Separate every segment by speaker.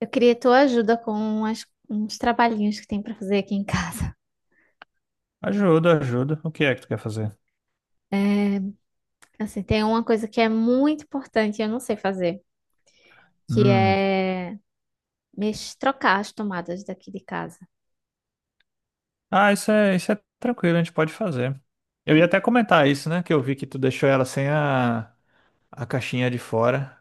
Speaker 1: Eu queria tua ajuda com uns trabalhinhos que tem pra fazer aqui em casa.
Speaker 2: Ajuda, ajuda. O que é que tu quer fazer?
Speaker 1: É, assim, tem uma coisa que é muito importante e eu não sei fazer, que
Speaker 2: Hum.
Speaker 1: é trocar as tomadas daqui de casa.
Speaker 2: Ah, isso é tranquilo, a gente pode fazer. Eu ia até comentar isso, né? Que eu vi que tu deixou ela sem a caixinha de fora.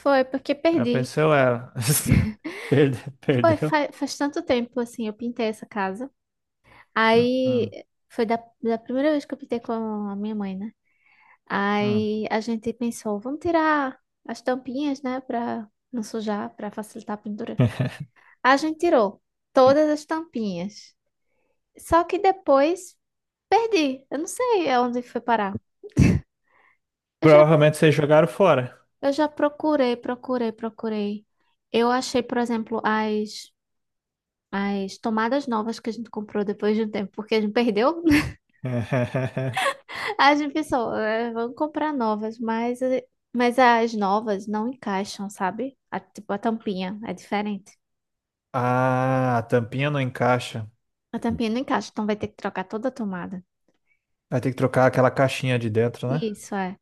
Speaker 1: Foi porque
Speaker 2: Aí eu
Speaker 1: perdi.
Speaker 2: pensei, ué, perdeu,
Speaker 1: Foi
Speaker 2: perdeu.
Speaker 1: faz, tanto tempo assim, eu pintei essa casa.
Speaker 2: Hum,
Speaker 1: Aí
Speaker 2: hum.
Speaker 1: foi da primeira vez que eu pintei com a minha mãe, né?
Speaker 2: Hum.
Speaker 1: Aí a gente pensou, vamos tirar as tampinhas, né, pra não sujar, pra facilitar a pintura. A gente tirou todas as tampinhas. Só que depois perdi. Eu não sei aonde foi parar. Eu já,
Speaker 2: Provavelmente vocês jogaram fora.
Speaker 1: eu já procurei, procurei, procurei. Eu achei, por exemplo, as tomadas novas que a gente comprou depois de um tempo, porque a gente perdeu. A gente pensou, "É, vamos comprar novas, mas as novas não encaixam, sabe?" Tipo, a tampinha é diferente.
Speaker 2: Ah, a tampinha não encaixa.
Speaker 1: A tampinha não encaixa, então vai ter que trocar toda a tomada.
Speaker 2: Vai ter que trocar aquela caixinha de dentro, né?
Speaker 1: Isso, é.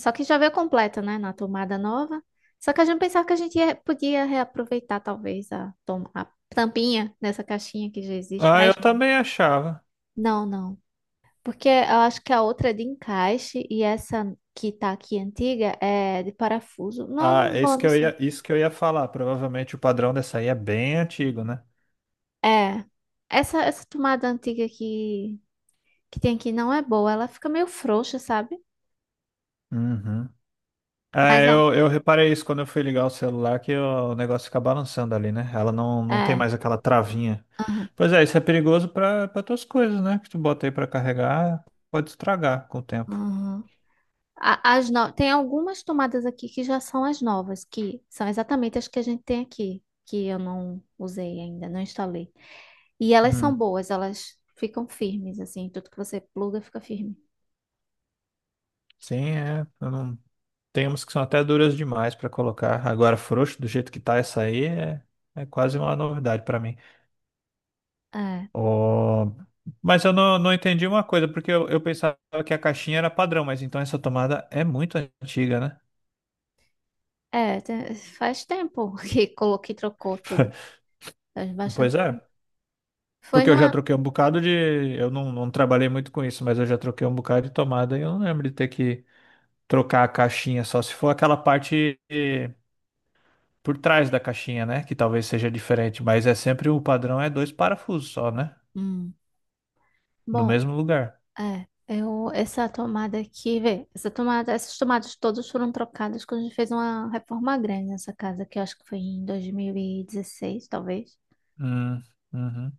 Speaker 1: Só que já veio completa, né? Na tomada nova. Só que a gente pensava que a gente podia reaproveitar, talvez, a tampinha dessa caixinha que já existe,
Speaker 2: Ah, eu
Speaker 1: mas não.
Speaker 2: também achava.
Speaker 1: Não, não. Porque eu acho que a outra é de encaixe e essa que tá aqui antiga é de parafuso. Não,
Speaker 2: Ah, é isso
Speaker 1: não,
Speaker 2: que
Speaker 1: não
Speaker 2: eu
Speaker 1: sei.
Speaker 2: ia, isso que eu ia falar. Provavelmente o padrão dessa aí é bem antigo, né?
Speaker 1: É. Essa tomada antiga que tem aqui não é boa. Ela fica meio frouxa, sabe?
Speaker 2: Uhum.
Speaker 1: Mas
Speaker 2: É,
Speaker 1: a-
Speaker 2: eu reparei isso quando eu fui ligar o celular, que o negócio fica balançando ali, né? Ela não tem
Speaker 1: É.
Speaker 2: mais aquela travinha.
Speaker 1: Aham.
Speaker 2: Pois é, isso é perigoso para tuas coisas, né? Que tu bota aí pra carregar, pode estragar com o tempo.
Speaker 1: Aham. A- As no... Tem algumas tomadas aqui que já são as novas, que são exatamente as que a gente tem aqui, que eu não usei ainda, não instalei. E elas são
Speaker 2: Hum.
Speaker 1: boas, elas ficam firmes, assim, tudo que você pluga fica firme.
Speaker 2: Sim, é. Eu não- Tem umas que são até duras demais pra colocar. Agora, frouxo, do jeito que tá essa aí, é quase uma novidade pra mim.
Speaker 1: É,
Speaker 2: Ó, mas eu não entendi uma coisa, porque eu pensava que a caixinha era padrão, mas então essa tomada é muito antiga, né?
Speaker 1: Faz tempo que coloquei, trocou tudo, faz
Speaker 2: Pois
Speaker 1: bastante
Speaker 2: é.
Speaker 1: tempo. Foi
Speaker 2: Porque eu já
Speaker 1: numa.
Speaker 2: troquei um bocado de. Eu não trabalhei muito com isso, mas eu já troquei um bocado de tomada e eu não lembro de ter que trocar a caixinha, só se for aquela parte por trás da caixinha, né? Que talvez seja diferente, mas é sempre o padrão é dois parafusos só, né?
Speaker 1: Hum.
Speaker 2: No
Speaker 1: Bom,
Speaker 2: mesmo lugar.
Speaker 1: essa tomada aqui, vê, essa tomada, essas tomadas todas foram trocadas quando a gente fez uma reforma grande nessa casa, que eu acho que foi em 2016, talvez.
Speaker 2: Hum, uhum.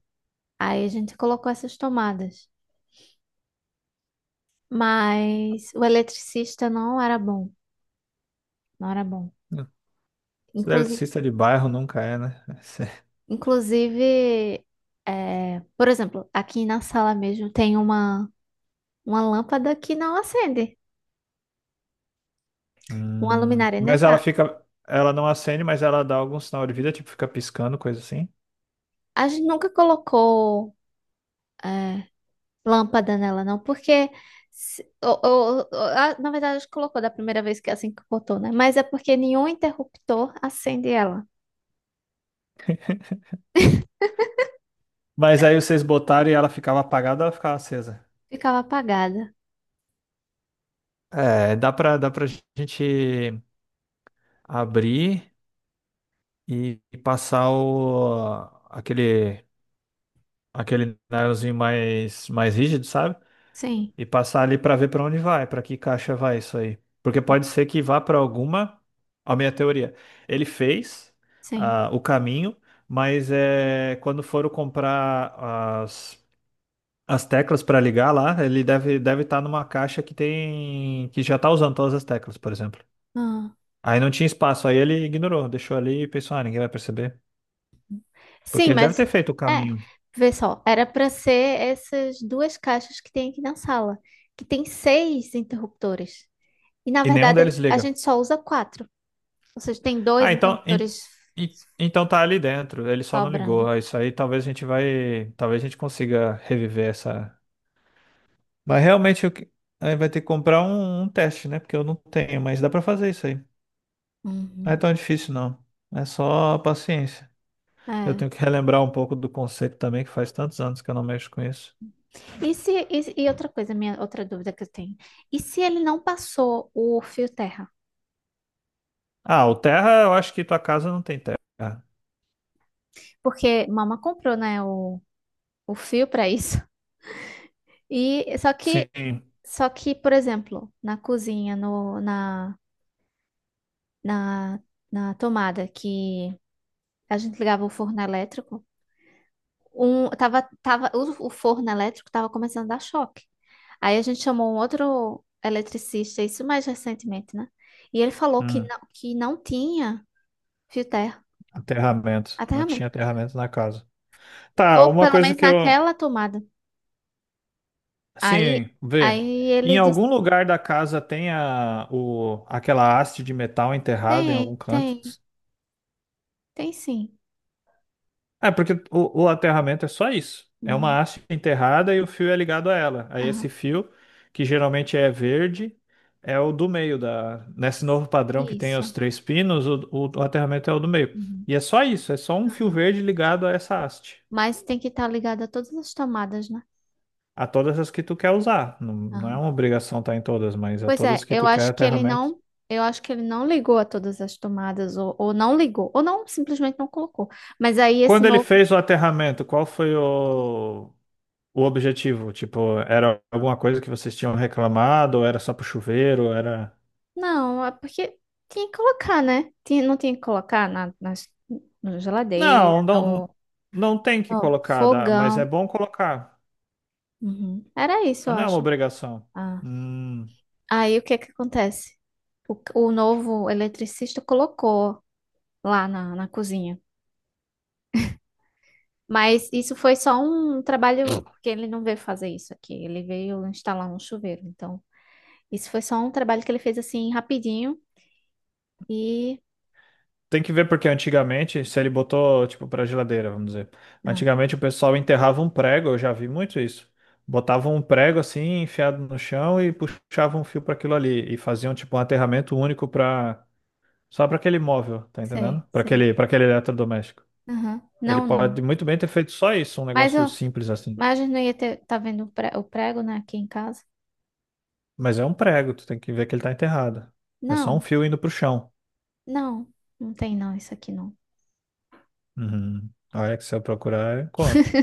Speaker 1: Aí a gente colocou essas tomadas. Mas o eletricista não era bom. Não era bom.
Speaker 2: Esse
Speaker 1: Inclusive,
Speaker 2: eletricista de bairro nunca é, né?
Speaker 1: inclusive por exemplo, aqui na sala mesmo tem uma lâmpada que não acende. Uma luminária, né?
Speaker 2: Mas ela
Speaker 1: Tá.
Speaker 2: fica. Ela não acende, mas ela dá algum sinal de vida, tipo, fica piscando, coisa assim.
Speaker 1: A gente nunca colocou é, lâmpada nela, não, porque. Na verdade, a gente colocou da primeira vez que é assim que botou, né? Mas é porque nenhum interruptor acende ela.
Speaker 2: Mas aí vocês botaram e ela ficava apagada ou ela ficava acesa?
Speaker 1: Ficava apagada.
Speaker 2: É, dá pra gente abrir e passar aquele, aquele nylonzinho mais rígido, sabe?
Speaker 1: Sim,
Speaker 2: E passar ali pra ver pra onde vai, pra que caixa vai isso aí. Porque pode ser que vá pra alguma. A minha teoria. Ele fez
Speaker 1: sim.
Speaker 2: ah, o caminho, mas é, quando foram comprar as, as teclas pra ligar lá, ele deve estar numa caixa que tem que já tá usando todas as teclas, por exemplo.
Speaker 1: Ah.
Speaker 2: Aí não tinha espaço, aí ele ignorou, deixou ali e pensou, ah, ninguém vai perceber. Porque
Speaker 1: Sim,
Speaker 2: ele deve
Speaker 1: mas
Speaker 2: ter feito o
Speaker 1: é,
Speaker 2: caminho.
Speaker 1: vê só, era para ser essas duas caixas que tem aqui na sala, que tem seis interruptores. E na
Speaker 2: E nenhum
Speaker 1: verdade
Speaker 2: deles
Speaker 1: a
Speaker 2: liga.
Speaker 1: gente só usa quatro. Ou seja, tem dois
Speaker 2: Ah, então,
Speaker 1: interruptores
Speaker 2: então tá ali dentro, ele só não ligou.
Speaker 1: sobrando.
Speaker 2: Ah, isso aí talvez a gente vai. Talvez a gente consiga reviver essa. Mas realmente eu que- Aí vai ter que comprar um teste, né? Porque eu não tenho, mas dá pra fazer isso aí. Não é
Speaker 1: Uhum.
Speaker 2: tão difícil, não. É só paciência. Eu
Speaker 1: É.
Speaker 2: tenho que relembrar um pouco do conceito também, que faz tantos anos que eu não mexo com isso.
Speaker 1: E se, e outra coisa, minha outra dúvida que eu tenho. E se ele não passou o fio terra?
Speaker 2: Ah, o terra, eu acho que tua casa não tem terra.
Speaker 1: Porque mama comprou, né, o fio para isso. E só que
Speaker 2: Sim.
Speaker 1: só que, por exemplo, na cozinha, no, na, na tomada que a gente ligava o forno elétrico, o forno elétrico estava começando a dar choque. Aí a gente chamou um outro eletricista, isso mais recentemente, né? E ele falou
Speaker 2: Hum.
Speaker 1: que não tinha fio terra,
Speaker 2: Aterramento.
Speaker 1: até
Speaker 2: Não tinha
Speaker 1: realmente.
Speaker 2: aterramento na casa. Tá,
Speaker 1: Ou
Speaker 2: uma
Speaker 1: pelo
Speaker 2: coisa
Speaker 1: menos
Speaker 2: que eu.
Speaker 1: naquela tomada. Aí,
Speaker 2: Assim, vê.
Speaker 1: aí
Speaker 2: Em
Speaker 1: ele disse,
Speaker 2: algum lugar da casa tem aquela haste de metal enterrada em algum
Speaker 1: tem,
Speaker 2: canto?
Speaker 1: tem, tem sim.
Speaker 2: É, porque o aterramento é só isso. É
Speaker 1: Uhum.
Speaker 2: uma haste enterrada e o fio é ligado a ela. Aí esse
Speaker 1: Aham.
Speaker 2: fio, que geralmente é verde, é o do meio da. Nesse novo padrão que tem os
Speaker 1: Isso.
Speaker 2: três pinos, o aterramento é o do meio.
Speaker 1: Uhum.
Speaker 2: E é só isso, é só um fio
Speaker 1: Aham.
Speaker 2: verde ligado a essa haste.
Speaker 1: Mas tem que estar ligado a todas as tomadas, né?
Speaker 2: A todas as que tu quer usar. Não é uma obrigação estar em todas, mas a
Speaker 1: Pois
Speaker 2: todas
Speaker 1: é,
Speaker 2: que
Speaker 1: eu
Speaker 2: tu quer
Speaker 1: acho que ele
Speaker 2: aterramento.
Speaker 1: não, eu acho que ele não ligou a todas as tomadas, ou, ou não, simplesmente não colocou. Mas aí esse
Speaker 2: Quando ele
Speaker 1: novo,
Speaker 2: fez o aterramento, qual foi o objetivo? Tipo, era alguma coisa que vocês tinham reclamado, ou era só pro chuveiro, era...
Speaker 1: não, é porque tinha que colocar, né? Tinha, não tinha que colocar na geladeira,
Speaker 2: Não, não,
Speaker 1: no,
Speaker 2: não tem que
Speaker 1: no
Speaker 2: colocar, dá- mas é
Speaker 1: fogão.
Speaker 2: bom colocar.
Speaker 1: Uhum. Era isso, eu
Speaker 2: Mas não é uma
Speaker 1: acho.
Speaker 2: obrigação.
Speaker 1: Ah.
Speaker 2: Hum.
Speaker 1: Aí o que que acontece? O novo eletricista colocou lá na cozinha. Mas isso foi só um trabalho, porque ele não veio fazer isso aqui, ele veio instalar um chuveiro, então. Isso foi só um trabalho que ele fez assim rapidinho e.
Speaker 2: Tem que ver porque antigamente, se ele botou, tipo, pra geladeira, vamos dizer.
Speaker 1: Ah,
Speaker 2: Antigamente o pessoal enterrava um prego, eu já vi muito isso. Botavam um prego assim, enfiado no chão e puxavam um fio para aquilo ali. E faziam, tipo, um aterramento único para só para aquele móvel, tá entendendo?
Speaker 1: sei, sei.
Speaker 2: Para aquele eletrodoméstico.
Speaker 1: Aham.
Speaker 2: Ele
Speaker 1: Não,
Speaker 2: pode
Speaker 1: não.
Speaker 2: muito bem ter feito só isso, um
Speaker 1: Mas,
Speaker 2: negócio
Speaker 1: eu,
Speaker 2: simples assim.
Speaker 1: mas a gente não ia ter, tá vendo o prego, né, aqui em casa?
Speaker 2: Mas é um prego, tu tem que ver que ele tá enterrado. É só um
Speaker 1: Não,
Speaker 2: fio indo pro chão.
Speaker 1: não. Não tem não, isso aqui não.
Speaker 2: Uhum. Olha que se eu procurar, eu encontro.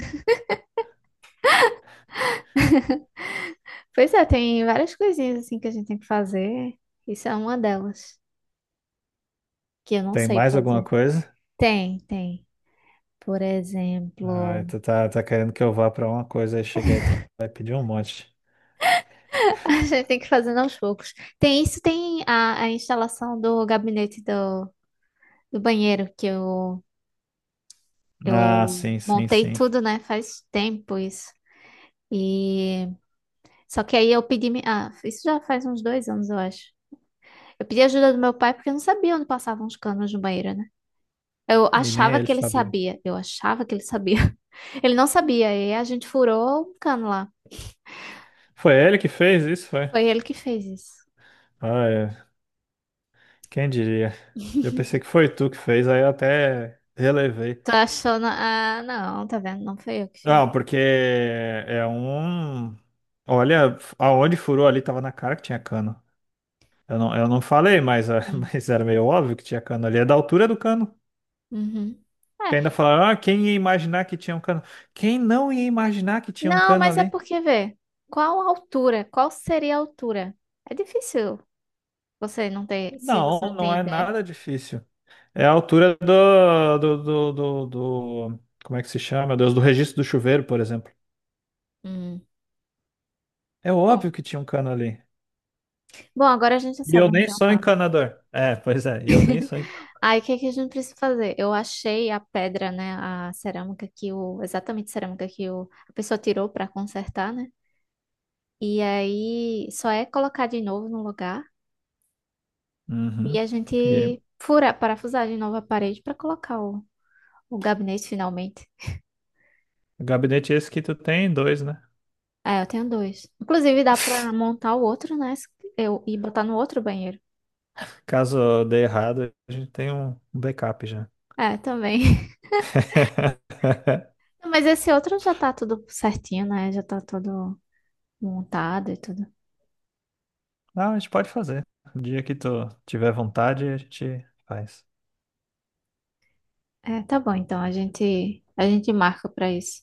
Speaker 1: Pois é, tem várias coisinhas assim que a gente tem que fazer. Isso é uma delas, que eu não
Speaker 2: Tem
Speaker 1: sei
Speaker 2: mais alguma
Speaker 1: fazer.
Speaker 2: coisa?
Speaker 1: Tem, tem. Por
Speaker 2: Ai,
Speaker 1: exemplo,
Speaker 2: tá querendo que eu vá pra uma coisa e chegar e tu vai pedir um monte.
Speaker 1: a gente tem que fazer aos poucos. Tem isso, tem a instalação do gabinete do banheiro, que
Speaker 2: Ah,
Speaker 1: eu
Speaker 2: sim, sim,
Speaker 1: montei
Speaker 2: sim.
Speaker 1: tudo, né? Faz tempo isso. E só que aí eu pedi, isso já faz uns 2 anos, eu acho. Eu pedi ajuda do meu pai porque eu não sabia onde passavam os canos no banheiro, né? Eu
Speaker 2: E nem
Speaker 1: achava
Speaker 2: ele
Speaker 1: que ele
Speaker 2: sabia.
Speaker 1: sabia, eu achava que ele sabia. Ele não sabia, e a gente furou um cano lá.
Speaker 2: Foi ele que fez isso, foi?
Speaker 1: Foi ele que fez isso.
Speaker 2: Ah, é. Quem diria? Eu pensei que foi tu que fez, aí eu até relevei.
Speaker 1: Tô achando, ah, não, tá vendo? Não foi eu que fiz.
Speaker 2: Não, porque é um. Olha, aonde furou ali tava na cara que tinha cano. Eu eu não falei, mas, ah,
Speaker 1: Hum.
Speaker 2: mas era meio óbvio que tinha cano ali. É da altura do cano.
Speaker 1: Uhum. É,
Speaker 2: Que ainda falaram, ah, quem ia imaginar que tinha um cano? Quem não ia imaginar que tinha um
Speaker 1: Não,
Speaker 2: cano
Speaker 1: mas é
Speaker 2: ali?
Speaker 1: porque, vê, qual a altura? Qual seria a altura? É difícil. Você não tem, se
Speaker 2: Não,
Speaker 1: você não
Speaker 2: não
Speaker 1: tem
Speaker 2: é
Speaker 1: ideia.
Speaker 2: nada difícil. É a altura como é que se chama, meu Deus? Do registro do chuveiro, por exemplo.
Speaker 1: Hum.
Speaker 2: É
Speaker 1: Bom,
Speaker 2: óbvio que tinha um cano ali.
Speaker 1: bom, agora a gente já
Speaker 2: E
Speaker 1: sabe
Speaker 2: eu
Speaker 1: onde
Speaker 2: nem
Speaker 1: tem o
Speaker 2: sou
Speaker 1: canto.
Speaker 2: encanador. É, pois é, e eu nem sou encanador.
Speaker 1: Aí, o que que a gente precisa fazer? Eu achei a pedra, né, a cerâmica que o, exatamente a cerâmica que o, a pessoa tirou para consertar, né? E aí, só é colocar de novo no lugar e
Speaker 2: Uhum.
Speaker 1: a
Speaker 2: E
Speaker 1: gente furar, parafusar de novo a parede para colocar o gabinete finalmente.
Speaker 2: o gabinete esse que tu tem, dois, né?
Speaker 1: É, eu tenho dois. Inclusive, dá para montar o outro, né? Eu, e botar no outro banheiro.
Speaker 2: Caso dê errado, a gente tem um backup já.
Speaker 1: É, também. Não, mas esse outro já tá tudo certinho, né? Já tá tudo montado e tudo.
Speaker 2: Não, a gente pode fazer. O dia que tu tiver vontade, a gente faz.
Speaker 1: É, tá bom, então a gente marca pra isso.